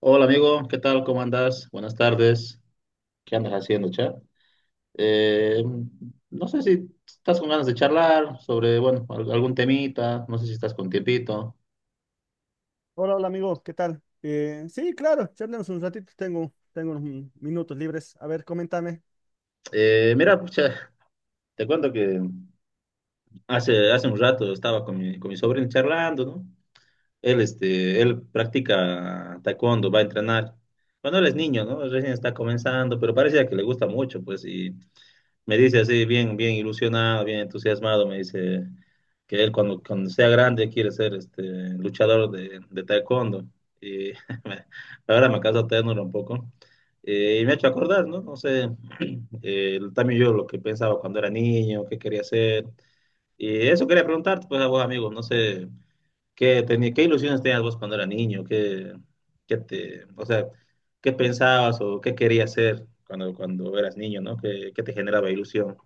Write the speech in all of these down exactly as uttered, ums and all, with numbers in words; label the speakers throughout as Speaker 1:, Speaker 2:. Speaker 1: Hola amigo, ¿qué tal? ¿Cómo andas? Buenas tardes. ¿Qué andas haciendo, chat? No sé si estás con ganas de charlar sobre, bueno, al- algún temita, no sé si estás con tiempito.
Speaker 2: Hola, hola amigo, ¿qué tal? Eh, sí, claro, charlemos un ratito, tengo, tengo unos min- minutos libres. A ver, coméntame.
Speaker 1: Eh, mira, pucha, te cuento que hace, hace un rato estaba con mi, con mi sobrino charlando, ¿no? Él, este, él practica taekwondo, va a entrenar. Cuando él es niño, ¿no? Recién está comenzando, pero parece que le gusta mucho, pues, y... me dice así, bien, bien ilusionado, bien entusiasmado, me dice que él cuando, cuando sea grande quiere ser este luchador de, de taekwondo. Y me- ahora me causa ternura un poco. Eh, y me ha hecho acordar, ¿no? No sé, eh, también yo lo que pensaba cuando era niño, qué quería hacer. Y eso quería preguntarte, pues a vos, amigo, no sé, ¿qué, tenía, qué ilusiones tenías vos cuando era niño? ¿Qué, qué te, o sea, qué pensabas o qué querías hacer cuando, cuando eras niño, ¿no? ¿Qué, qué te generaba ilusión?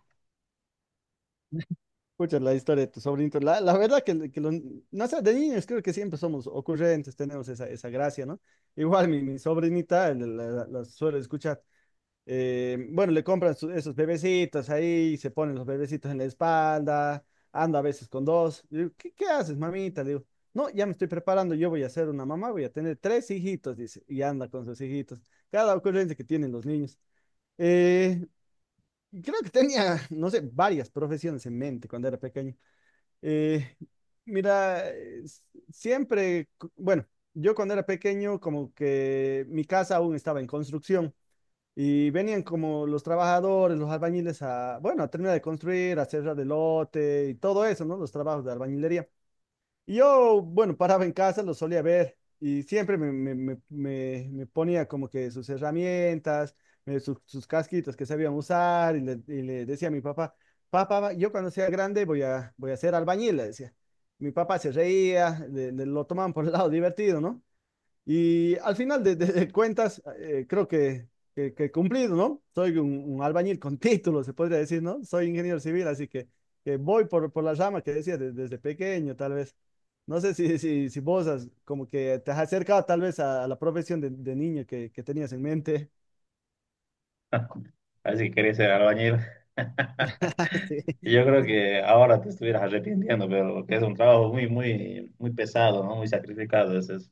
Speaker 2: Escucha la historia de tu sobrinito. La, la verdad que, que los- no sé, de niños creo que siempre somos ocurrentes, tenemos esa, esa gracia, ¿no? Igual mi, mi sobrinita la, la- la suelo escuchar. Eh, bueno, le compran su- esos bebecitos ahí, se ponen los bebecitos en la espalda, ando a veces con dos. Le digo, ¿qué, qué haces, mamita? Le digo, no, ya me estoy preparando, yo voy a ser una mamá, voy a tener tres hijitos, dice, y anda con sus hijitos. Cada ocurrencia que tienen los niños. Eh, Creo que tenía, no sé, varias profesiones en mente cuando era pequeño. Eh, Mira, eh, s- siempre, cu- bueno, yo cuando era pequeño, como que mi casa aún estaba en construcción. Y venían como los trabajadores, los albañiles a, bueno, a terminar de construir, a cerrar el lote y todo eso, ¿no? Los trabajos de albañilería. Y yo, bueno, paraba en casa, los solía ver y siempre me, me- me- me- me ponía como que sus herramientas, eh, sus, sus casquitos que sabían usar y le, y le decía a mi papá, papá, yo cuando sea grande voy a, voy a ser albañil, le decía. Mi papá se reía, le- le- lo tomaban por el lado divertido, ¿no? Y al final de, de- de cuentas, eh, creo que, que, que he cumplido, ¿no? Soy un, un albañil con título, se podría decir, ¿no? Soy ingeniero civil, así que, que voy por, por la rama que decía de- desde pequeño, tal vez. No sé si, si, si vos has- como que te has acercado tal vez a, a la profesión de, de niño que, que tenías en mente.
Speaker 1: Así quería ser albañil.
Speaker 2: Sí.
Speaker 1: Yo creo que ahora te estuvieras arrepintiendo, pero que es un trabajo muy, muy, muy pesado, ¿no? Muy sacrificado es eso.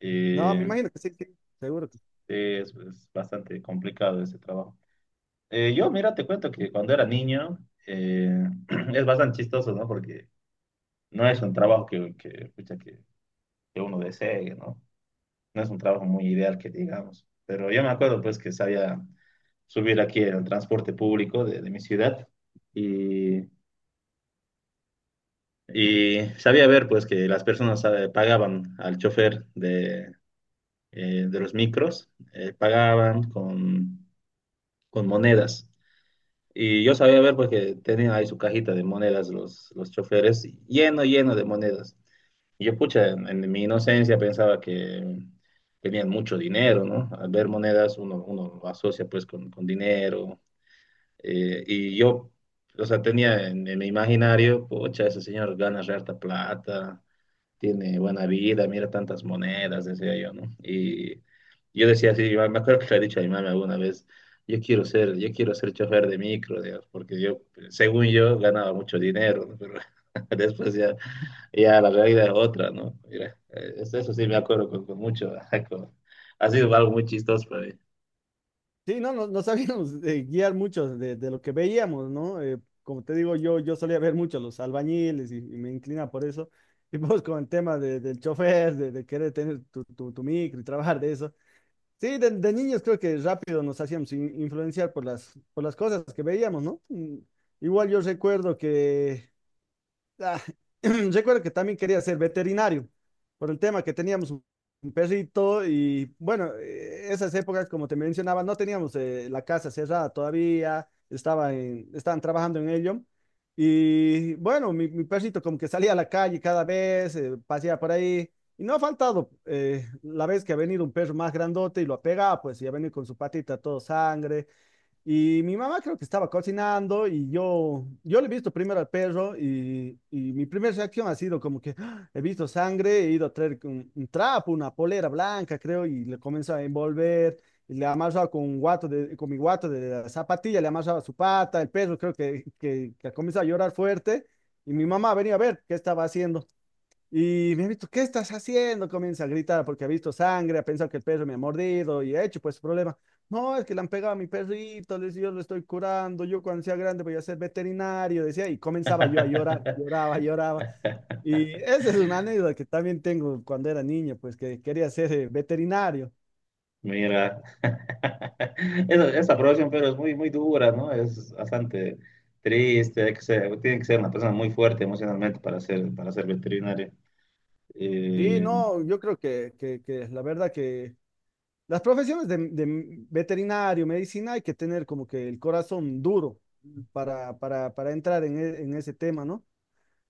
Speaker 1: Y
Speaker 2: No, me
Speaker 1: sí,
Speaker 2: imagino que sí, sí, seguro.
Speaker 1: es, es bastante complicado ese trabajo. Eh, yo, mira, te cuento que cuando era niño eh, es bastante chistoso, ¿no? Porque no es un trabajo que, que, pucha, que, que uno desee, ¿no? No es un trabajo muy ideal que digamos. Pero yo me acuerdo, pues, que sabía subir aquí en el transporte público de de mi ciudad. Y Y sabía ver pues que las personas eh, pagaban al chofer de, eh, de los micros, eh, pagaban con, con monedas. Y yo sabía ver porque tenían ahí su cajita de monedas los, los choferes, lleno, lleno de monedas. Y yo, pucha, en, en mi inocencia pensaba que tenían mucho dinero, ¿no? Al ver monedas uno, uno lo asocia pues con, con dinero. eh, y yo, o sea, tenía en, en mi imaginario, pucha, ese señor gana re harta plata, tiene buena vida, mira tantas monedas, decía yo, ¿no? Y yo decía así, yo me acuerdo que le he dicho a mi mamá alguna vez, yo quiero ser, yo quiero ser chofer de micro, digamos, porque yo, según yo, ganaba mucho dinero, ¿no? Pero después ya, ya la realidad es otra, ¿no? Mira, eh, eso eso sí me acuerdo con, con mucho, con- ha sido algo muy chistoso para mí.
Speaker 2: Sí, no, no, no sabíamos eh, guiar mucho de, de lo que veíamos, ¿no? Eh, como te digo, yo, yo solía ver mucho los albañiles y, y me inclina por eso. Y pues con el tema de- del chofer, de, de querer tener tu, tu, tu micro y trabajar de eso. Sí, de, de niños creo que rápido nos hacíamos in- influenciar por las, por las cosas que veíamos, ¿no? Mm, Igual yo recuerdo que Ah, Recuerdo que también quería ser veterinario por el tema que teníamos un un perrito y bueno, eh, esas épocas, como te mencionaba, no teníamos eh, la casa cerrada todavía, estaba en- estaban trabajando en ello. Y bueno, mi, mi perrito como que salía a la calle cada vez, eh, paseaba por ahí. Y no ha faltado eh, la vez que ha venido un perro más grandote y lo ha pegado, pues, y ha venido con su patita todo sangre. Y mi mamá creo que estaba cocinando y yo, yo le he visto primero al perro y, y mi primera reacción ha sido como que ¡Ah! He visto sangre, he ido a traer un, un trapo, una polera blanca creo y le comienzo a envolver, y le amarraba con un guato de, con mi guato de la zapatilla, le amarraba su pata, el perro creo que, que, que comenzó a llorar fuerte y mi mamá venía a ver qué estaba haciendo. Y me ha visto, ¿qué estás haciendo? Comienza a gritar porque ha visto sangre, ha pensado que el perro me ha mordido y ha hecho pues problema. No, es que le han pegado a mi perrito, le- yo lo estoy curando, yo cuando sea grande voy a ser veterinario, decía, y comenzaba yo a llorar, lloraba, lloraba. Y esa es una anécdota que también tengo cuando era niño, pues que quería ser eh, veterinario.
Speaker 1: Mira, esa, esa aprobación, pero es muy, muy dura, ¿no? Es bastante triste, hay que ser- tiene que ser una persona muy fuerte emocionalmente para ser, para ser veterinario.
Speaker 2: Sí,
Speaker 1: Eh,
Speaker 2: no, yo creo que, que, que la verdad que las profesiones de, de veterinario, medicina, hay que tener como que el corazón duro para, para, para entrar en, e- en ese tema, ¿no?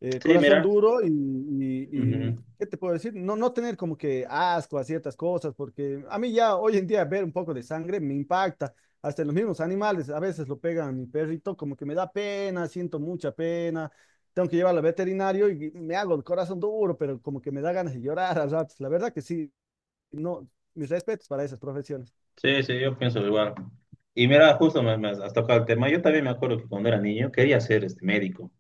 Speaker 2: eh,
Speaker 1: sí,
Speaker 2: corazón
Speaker 1: mira,
Speaker 2: duro y, y-
Speaker 1: ujú.
Speaker 2: y, ¿qué te puedo decir? No, no tener como que asco a ciertas cosas, porque a mí ya hoy en día ver un poco de sangre me impacta, hasta en los mismos animales, a veces lo pegan a mi perrito, como que me da pena, siento mucha pena, tengo que llevarlo al veterinario y me hago el corazón duro, pero como que me da ganas de llorar a ratos, la verdad que sí, no, mis respetos para esas profesiones.
Speaker 1: Sí, sí, yo pienso igual. Y mira, justo me, me has tocado el tema. Yo también me acuerdo que cuando era niño quería ser este médico,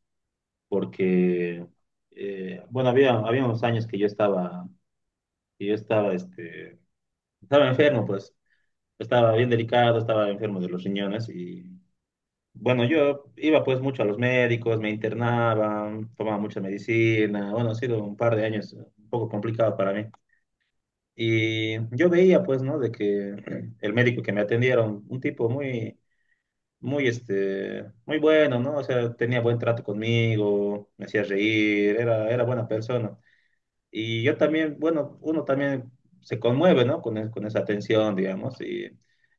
Speaker 1: porque, eh, bueno, había, había unos años que yo estaba, que yo estaba, este, estaba enfermo, pues, estaba bien delicado, estaba enfermo de los riñones y... Bueno, yo iba pues mucho a los médicos, me internaba, tomaba mucha medicina. Bueno, ha sido un par de años un poco complicado para mí. Y yo veía pues, ¿no? De que el médico que me atendieron, un tipo muy, muy, este, muy bueno, ¿no? O sea, tenía buen trato conmigo, me hacía reír, era, era buena persona. Y yo también, bueno, uno también se conmueve, ¿no? Con, es- con esa atención digamos. Y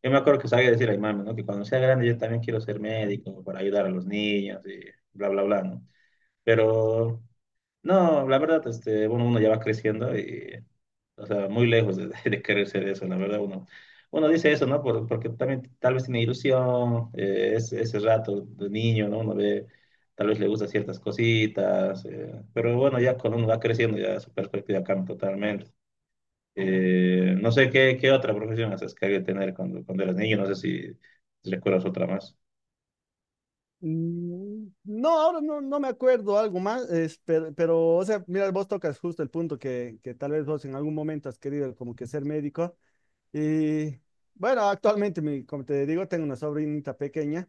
Speaker 1: yo me acuerdo que sabía decir a mi mamá, ¿no? Que cuando sea grande yo también quiero ser médico para ayudar a los niños y bla, bla, bla, ¿no? Pero, no, la verdad, este, bueno, uno ya va creciendo y o sea, muy lejos de, de querer ser eso, la verdad. Uno, uno dice eso, ¿no? Por- porque también tal vez tiene ilusión, eh, es- ese rato de niño, ¿no? Uno ve, tal vez le gusta ciertas cositas, eh, pero bueno, ya cuando uno va creciendo, ya su perspectiva cambia totalmente. Eh, no sé qué, qué otra profesión haces que hay que tener cuando, cuando eras niño, no sé si recuerdas otra más.
Speaker 2: Mm, No, ahora no, no me acuerdo algo más, es, pero, pero, o sea, mira, vos tocas justo el punto que, que tal vez vos en algún momento has querido como que ser médico. Y bueno, actualmente, mi- como te digo, tengo una sobrinita pequeña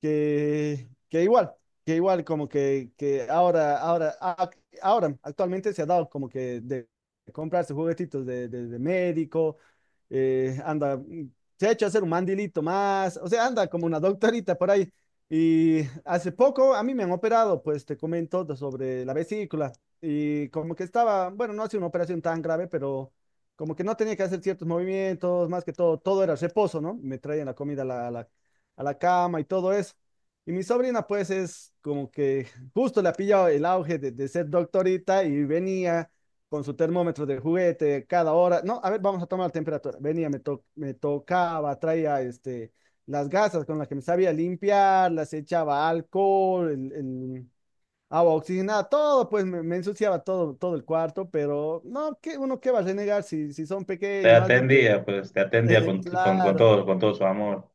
Speaker 2: que, que igual, que igual como que, que ahora, ahora, ac- ahora actualmente se ha dado como que de comprarse juguetitos de, de- de médico, eh, anda, mm, se ha hecho hacer un mandilito más, o sea, anda como una doctorita por ahí. Y hace poco a mí me han operado, pues te comento de- sobre la vesícula y como que estaba, bueno, no ha sido una operación tan grave, pero como que no tenía que hacer ciertos movimientos, más que todo, todo era reposo, ¿no? Me traían la comida a la, a la a la cama y todo eso. Y mi sobrina, pues, es como que justo le ha pillado el auge de, de ser doctorita y venía con su termómetro de juguete cada hora. No, a ver, vamos a tomar la temperatura. Venía, me, to- me tocaba, traía este, las gasas con las que me sabía limpiar, las echaba alcohol, el, el agua oxigenada, todo, pues me, me ensuciaba todo, todo el cuarto, pero no, qué uno qué va a renegar si, si son
Speaker 1: Te
Speaker 2: pequeños, más bien te.
Speaker 1: atendía, pues te atendía con, con, con
Speaker 2: Claro,
Speaker 1: todo, con todo su amor.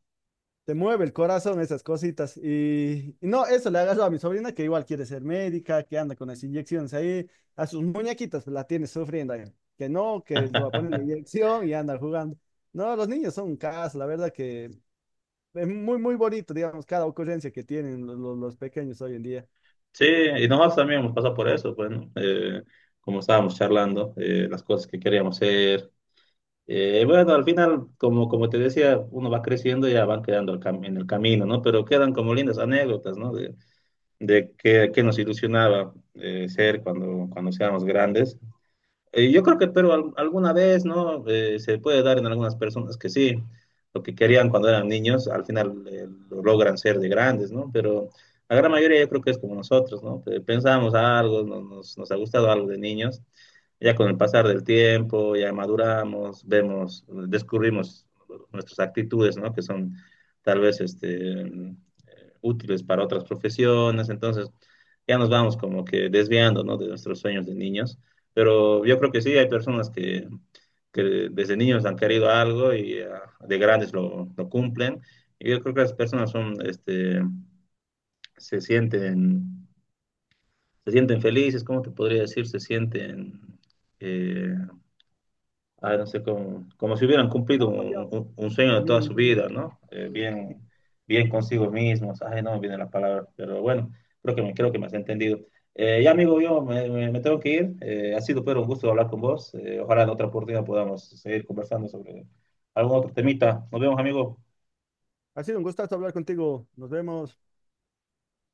Speaker 2: te mueve el corazón esas cositas. Y, y no, eso le agarró a mi sobrina que igual quiere ser médica, que anda con las inyecciones ahí, a sus muñequitas la tiene sufriendo ahí. Que no, que le va a poner la inyección y anda jugando. No, los niños son un caso, la verdad que es muy, muy bonito, digamos, cada ocurrencia que tienen los, los- los pequeños hoy en día.
Speaker 1: Sí, y nosotros también hemos pasado por eso, bueno, eh, como estábamos charlando, eh, las cosas que queríamos hacer. Eh, bueno, al final, como, como te decía, uno va creciendo y ya van quedando el cam- en el camino, ¿no? Pero quedan como lindas anécdotas, ¿no? De, de qué, qué nos ilusionaba eh, ser cuando, cuando seamos grandes. Eh, yo creo que, pero al- alguna vez, ¿no? Eh, se puede dar en algunas personas que sí, lo que querían cuando eran niños, al final eh, lo logran ser de grandes, ¿no? Pero la gran mayoría yo creo que es como nosotros, ¿no? Pe- Pensamos algo, no- nos, nos ha gustado algo de niños, ya con el pasar del tiempo, ya maduramos, vemos, descubrimos nuestras actitudes, ¿no? Que son tal vez este, eh, útiles para otras profesiones, entonces ya nos vamos como que desviando, ¿no? De nuestros sueños de niños. Pero yo creo que sí, hay personas que, que desde niños han querido algo y ah, de grandes lo, lo cumplen. Y yo creo que las personas son, este, se sienten, se sienten felices, ¿cómo te podría decir? Se sienten eh, ah, no sé, como, como si hubieran
Speaker 2: No
Speaker 1: cumplido
Speaker 2: ha
Speaker 1: un,
Speaker 2: fallado,
Speaker 1: un- un sueño de toda
Speaker 2: niño
Speaker 1: su
Speaker 2: interior,
Speaker 1: vida,
Speaker 2: ¿no?
Speaker 1: ¿no? Eh,
Speaker 2: Sí.
Speaker 1: bien, bien consigo mismos. Ay, no me viene la palabra, pero bueno, creo que me, creo que me has entendido. Eh, ya, amigo, yo me, me- me tengo que ir. Eh, ha sido, pero un gusto hablar con vos. Eh, ojalá en otra oportunidad podamos seguir conversando sobre algún otro temita. Nos vemos, amigo.
Speaker 2: Ha sido un gustazo hablar contigo. Nos vemos.